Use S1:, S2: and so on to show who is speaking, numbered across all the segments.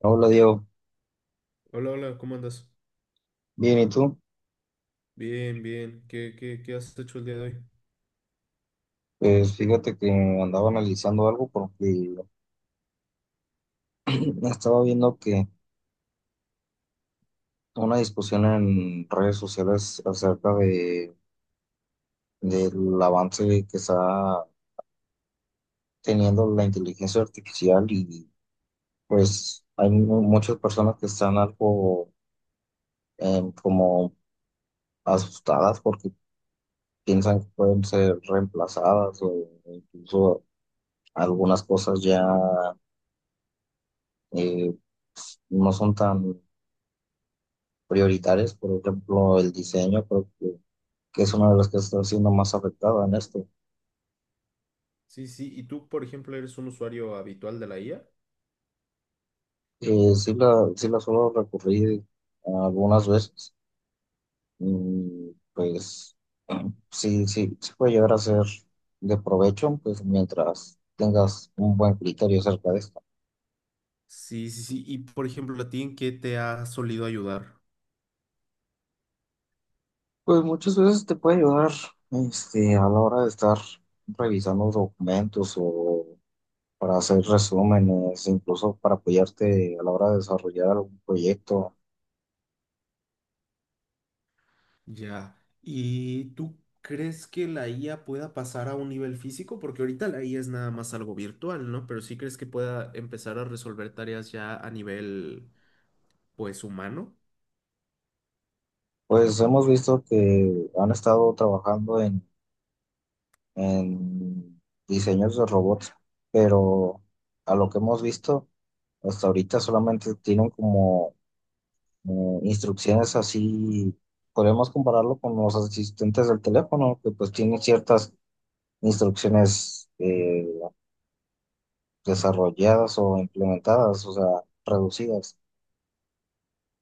S1: Hola Diego,
S2: Hola, hola, ¿cómo andas?
S1: bien, ¿y tú?
S2: Bien, bien. ¿Qué has hecho el día de hoy?
S1: Pues fíjate que andaba analizando algo porque estaba viendo que una discusión en redes sociales acerca de, del avance que está teniendo la inteligencia artificial. Y pues hay muchas personas que están algo como asustadas porque piensan que pueden ser reemplazadas, o incluso algunas cosas ya eh, no son tan prioritarias. Por ejemplo, el diseño, creo que es una de las que está siendo más afectada en esto.
S2: Sí, sí. ¿Y tú, por ejemplo, eres un usuario habitual de la IA?
S1: Sí la suelo recurrir algunas veces, y pues sí puede llegar a ser de provecho, pues mientras tengas un buen criterio acerca de esto.
S2: Sí, sí, sí. Y, por ejemplo, ¿a ti en qué te ha solido ayudar?
S1: Pues muchas veces te puede ayudar, este, a la hora de estar revisando documentos o para hacer resúmenes, incluso para apoyarte a la hora de desarrollar algún proyecto.
S2: Ya. ¿Y tú crees que la IA pueda pasar a un nivel físico? Porque ahorita la IA es nada más algo virtual, ¿no? Pero sí crees que pueda empezar a resolver tareas ya a nivel, pues, humano.
S1: Pues hemos visto que han estado trabajando en diseños de robots, pero a lo que hemos visto hasta ahorita solamente tienen como instrucciones así. Podemos compararlo con los asistentes del teléfono, que pues tienen ciertas instrucciones desarrolladas o implementadas, o sea, reducidas.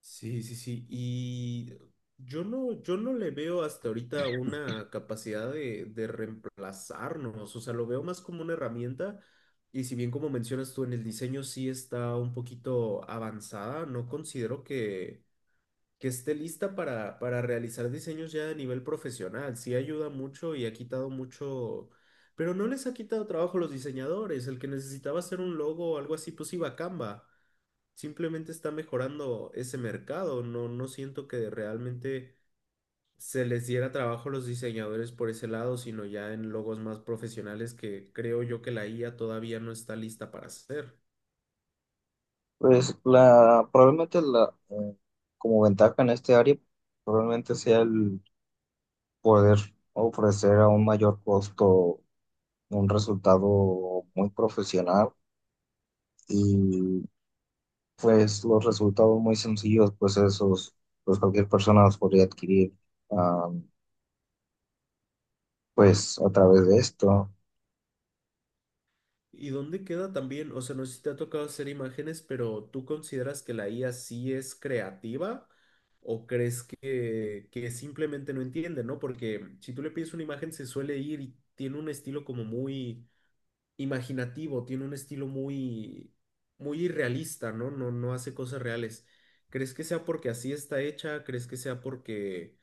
S2: Sí, sí, sí. Y yo no, yo no le veo hasta ahorita una capacidad de reemplazarnos. O sea, lo veo más como una herramienta. Y si bien como mencionas tú en el diseño sí está un poquito avanzada, no considero que esté lista para realizar diseños ya a nivel profesional. Sí ayuda mucho y ha quitado mucho, pero no les ha quitado trabajo a los diseñadores. El que necesitaba hacer un logo o algo así, pues iba a Canva, simplemente está mejorando ese mercado. No, no siento que realmente se les diera trabajo a los diseñadores por ese lado, sino ya en logos más profesionales que creo yo que la IA todavía no está lista para hacer.
S1: Pues la, probablemente la, eh, Como ventaja en este área, probablemente sea el poder ofrecer a un mayor costo un resultado muy profesional. Y pues los resultados muy sencillos, pues esos, pues cualquier persona los podría adquirir ah, pues a través de esto.
S2: ¿Y dónde queda también? O sea, no sé si te ha tocado hacer imágenes, pero ¿tú consideras que la IA sí es creativa? ¿O crees que simplemente no entiende, no? Porque si tú le pides una imagen se suele ir y tiene un estilo como muy imaginativo, tiene un estilo muy, muy irrealista, ¿no? No, no hace cosas reales. ¿Crees que sea porque así está hecha? ¿Crees que sea porque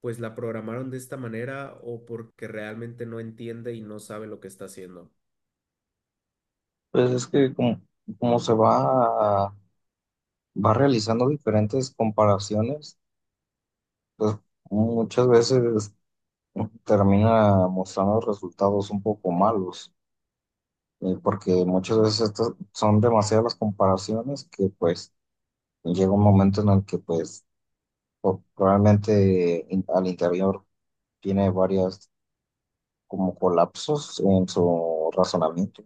S2: pues la programaron de esta manera o porque realmente no entiende y no sabe lo que está haciendo?
S1: Pues es que como se va, va realizando diferentes comparaciones, pues muchas veces termina mostrando resultados un poco malos, porque muchas veces estas son demasiadas las comparaciones, que pues llega un momento en el que pues probablemente al interior tiene varias como colapsos en su razonamiento.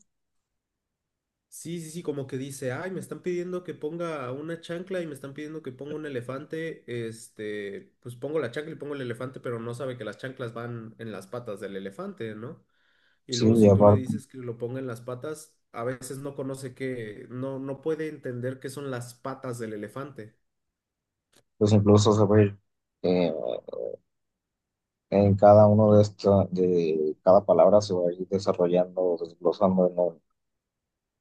S2: Sí, sí, sí, como que dice, ay, me están pidiendo que ponga una chancla y me están pidiendo que ponga un elefante, pues pongo la chancla y pongo el elefante, pero no sabe que las chanclas van en las patas del elefante, ¿no? Y
S1: Sí,
S2: luego
S1: y
S2: si tú le
S1: aparte,
S2: dices que lo ponga en las patas, a veces no conoce que, no, no puede entender qué son las patas del elefante.
S1: pues incluso se va a ir, eh, en cada uno de estos, de cada palabra se va a ir desarrollando, desglosando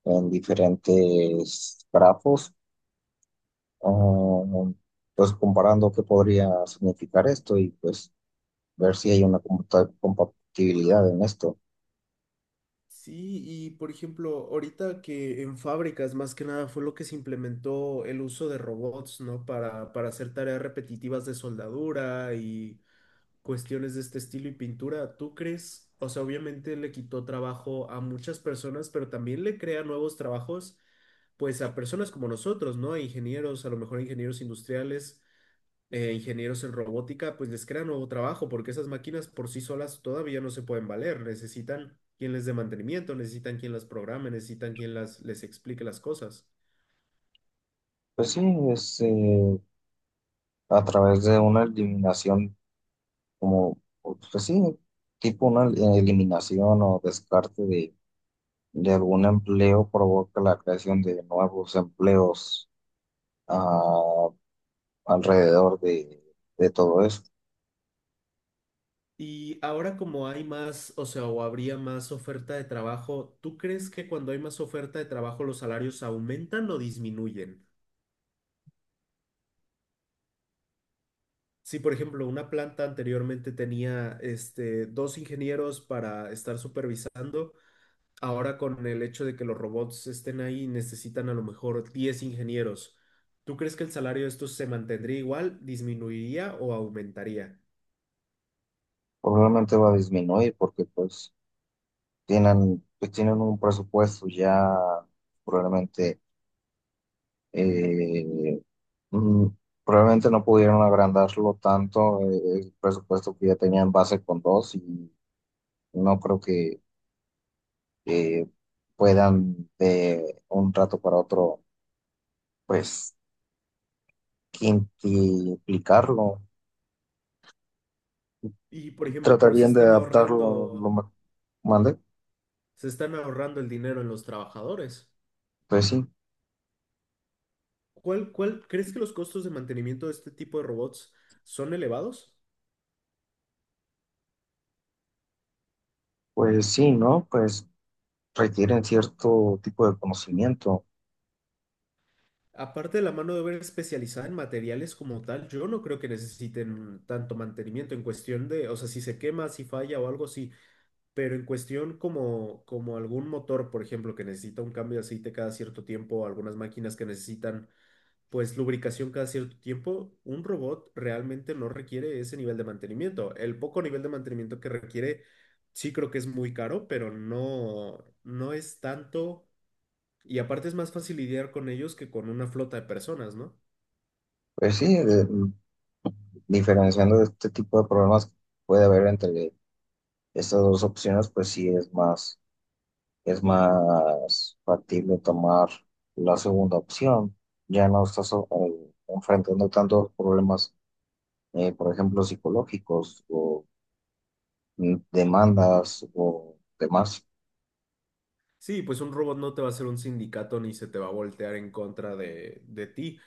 S1: en diferentes grafos, um, pues comparando qué podría significar esto, y pues ver si hay una compatibilidad en esto.
S2: Sí, y por ejemplo, ahorita que en fábricas más que nada fue lo que se implementó el uso de robots, ¿no? Para hacer tareas repetitivas de soldadura y cuestiones de este estilo y pintura. ¿Tú crees? O sea, obviamente le quitó trabajo a muchas personas, pero también le crea nuevos trabajos, pues a personas como nosotros, ¿no? A ingenieros, a lo mejor ingenieros industriales. Ingenieros en robótica, pues les crea nuevo trabajo, porque esas máquinas por sí solas todavía no se pueden valer, necesitan quien les dé mantenimiento, necesitan quien las programe, necesitan quien las, les explique las cosas.
S1: Pues sí, es, eh, a través de una eliminación, como, pues sí, tipo una eliminación o descarte de algún empleo, provoca la creación de nuevos empleos ah, alrededor de todo eso.
S2: Y ahora como hay más, o sea, o habría más oferta de trabajo, ¿tú crees que cuando hay más oferta de trabajo los salarios aumentan o disminuyen? Si, por ejemplo, una planta anteriormente tenía dos ingenieros para estar supervisando, ahora con el hecho de que los robots estén ahí, necesitan a lo mejor 10 ingenieros. ¿Tú crees que el salario de estos se mantendría igual, disminuiría o aumentaría?
S1: Probablemente va a disminuir, porque pues, tienen un presupuesto ya probablemente, eh, mm, probablemente no pudieron agrandarlo tanto, el presupuesto que ya tenían base con dos, y no creo que que puedan de un rato para otro, pues, quintuplicarlo.
S2: Y por ejemplo, pero
S1: Tratarían de adaptarlo lo más. ¿Mande?
S2: se están ahorrando el dinero en los trabajadores.
S1: Pues sí,
S2: ¿Cuál, cuál, crees que los costos de mantenimiento de este tipo de robots son elevados?
S1: pues sí, ¿no? Pues requieren cierto tipo de conocimiento.
S2: Aparte de la mano de obra especializada en materiales como tal, yo no creo que necesiten tanto mantenimiento en cuestión de, o sea, si se quema, si falla o algo, sí. Pero en cuestión como, como algún motor, por ejemplo, que necesita un cambio de aceite cada cierto tiempo, algunas máquinas que necesitan pues lubricación cada cierto tiempo, un robot realmente no requiere ese nivel de mantenimiento. El poco nivel de mantenimiento que requiere, sí creo que es muy caro, pero no, no es tanto. Y aparte es más fácil lidiar con ellos que con una flota de personas, ¿no?
S1: Pues sí, diferenciando este tipo de problemas que puede haber entre estas dos opciones, pues sí es más factible tomar la segunda opción. Ya no estás enfrentando tantos problemas, por ejemplo, psicológicos o demandas o demás.
S2: Sí, pues un robot no te va a hacer un sindicato ni se te va a voltear en contra de ti.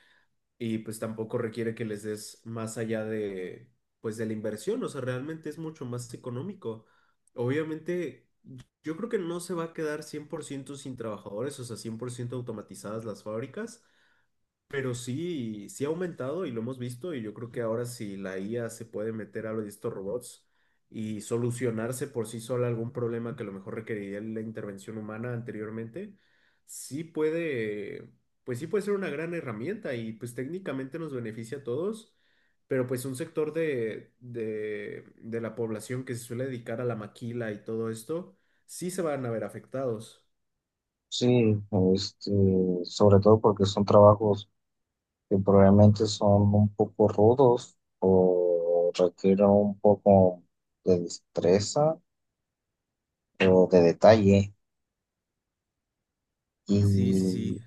S2: Y pues tampoco requiere que les des más allá de, pues de la inversión, o sea, realmente es mucho más económico. Obviamente, yo creo que no se va a quedar 100% sin trabajadores, o sea, 100% automatizadas las fábricas, pero sí, sí ha aumentado y lo hemos visto y yo creo que ahora si la IA se puede meter a lo de estos robots y solucionarse por sí sola algún problema que a lo mejor requeriría la intervención humana anteriormente, sí puede, pues sí puede ser una gran herramienta y pues técnicamente nos beneficia a todos, pero pues un sector de la población que se suele dedicar a la maquila y todo esto, sí se van a ver afectados.
S1: Sí, este, sobre todo porque son trabajos que probablemente son un poco rudos o requieren un poco de destreza o de detalle,
S2: Sí, sí,
S1: y,
S2: sí.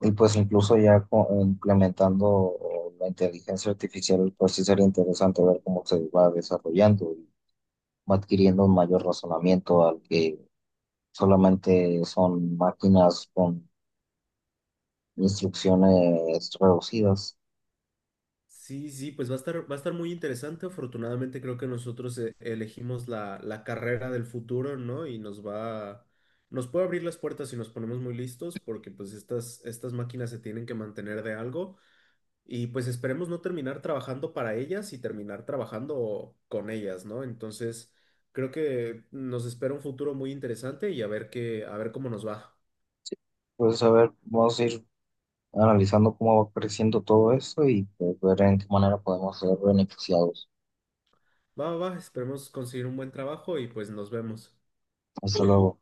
S1: y pues incluso ya implementando la inteligencia artificial, pues sí sería interesante ver cómo se va desarrollando y va adquiriendo un mayor razonamiento al que solamente son máquinas con instrucciones reducidas.
S2: Sí, sí, pues va a estar muy interesante. Afortunadamente creo que nosotros elegimos la carrera del futuro, ¿no? Y nos va, nos puede abrir las puertas si nos ponemos muy listos, porque pues estas, estas máquinas se tienen que mantener de algo y pues esperemos no terminar trabajando para ellas y terminar trabajando con ellas, ¿no? Entonces creo que nos espera un futuro muy interesante y a ver qué, a ver cómo nos va.
S1: Pues a ver, vamos a ir analizando cómo va creciendo todo esto, y pues, ver en qué manera podemos ser beneficiados.
S2: Va, va, va, esperemos conseguir un buen trabajo y pues nos vemos.
S1: Hasta luego.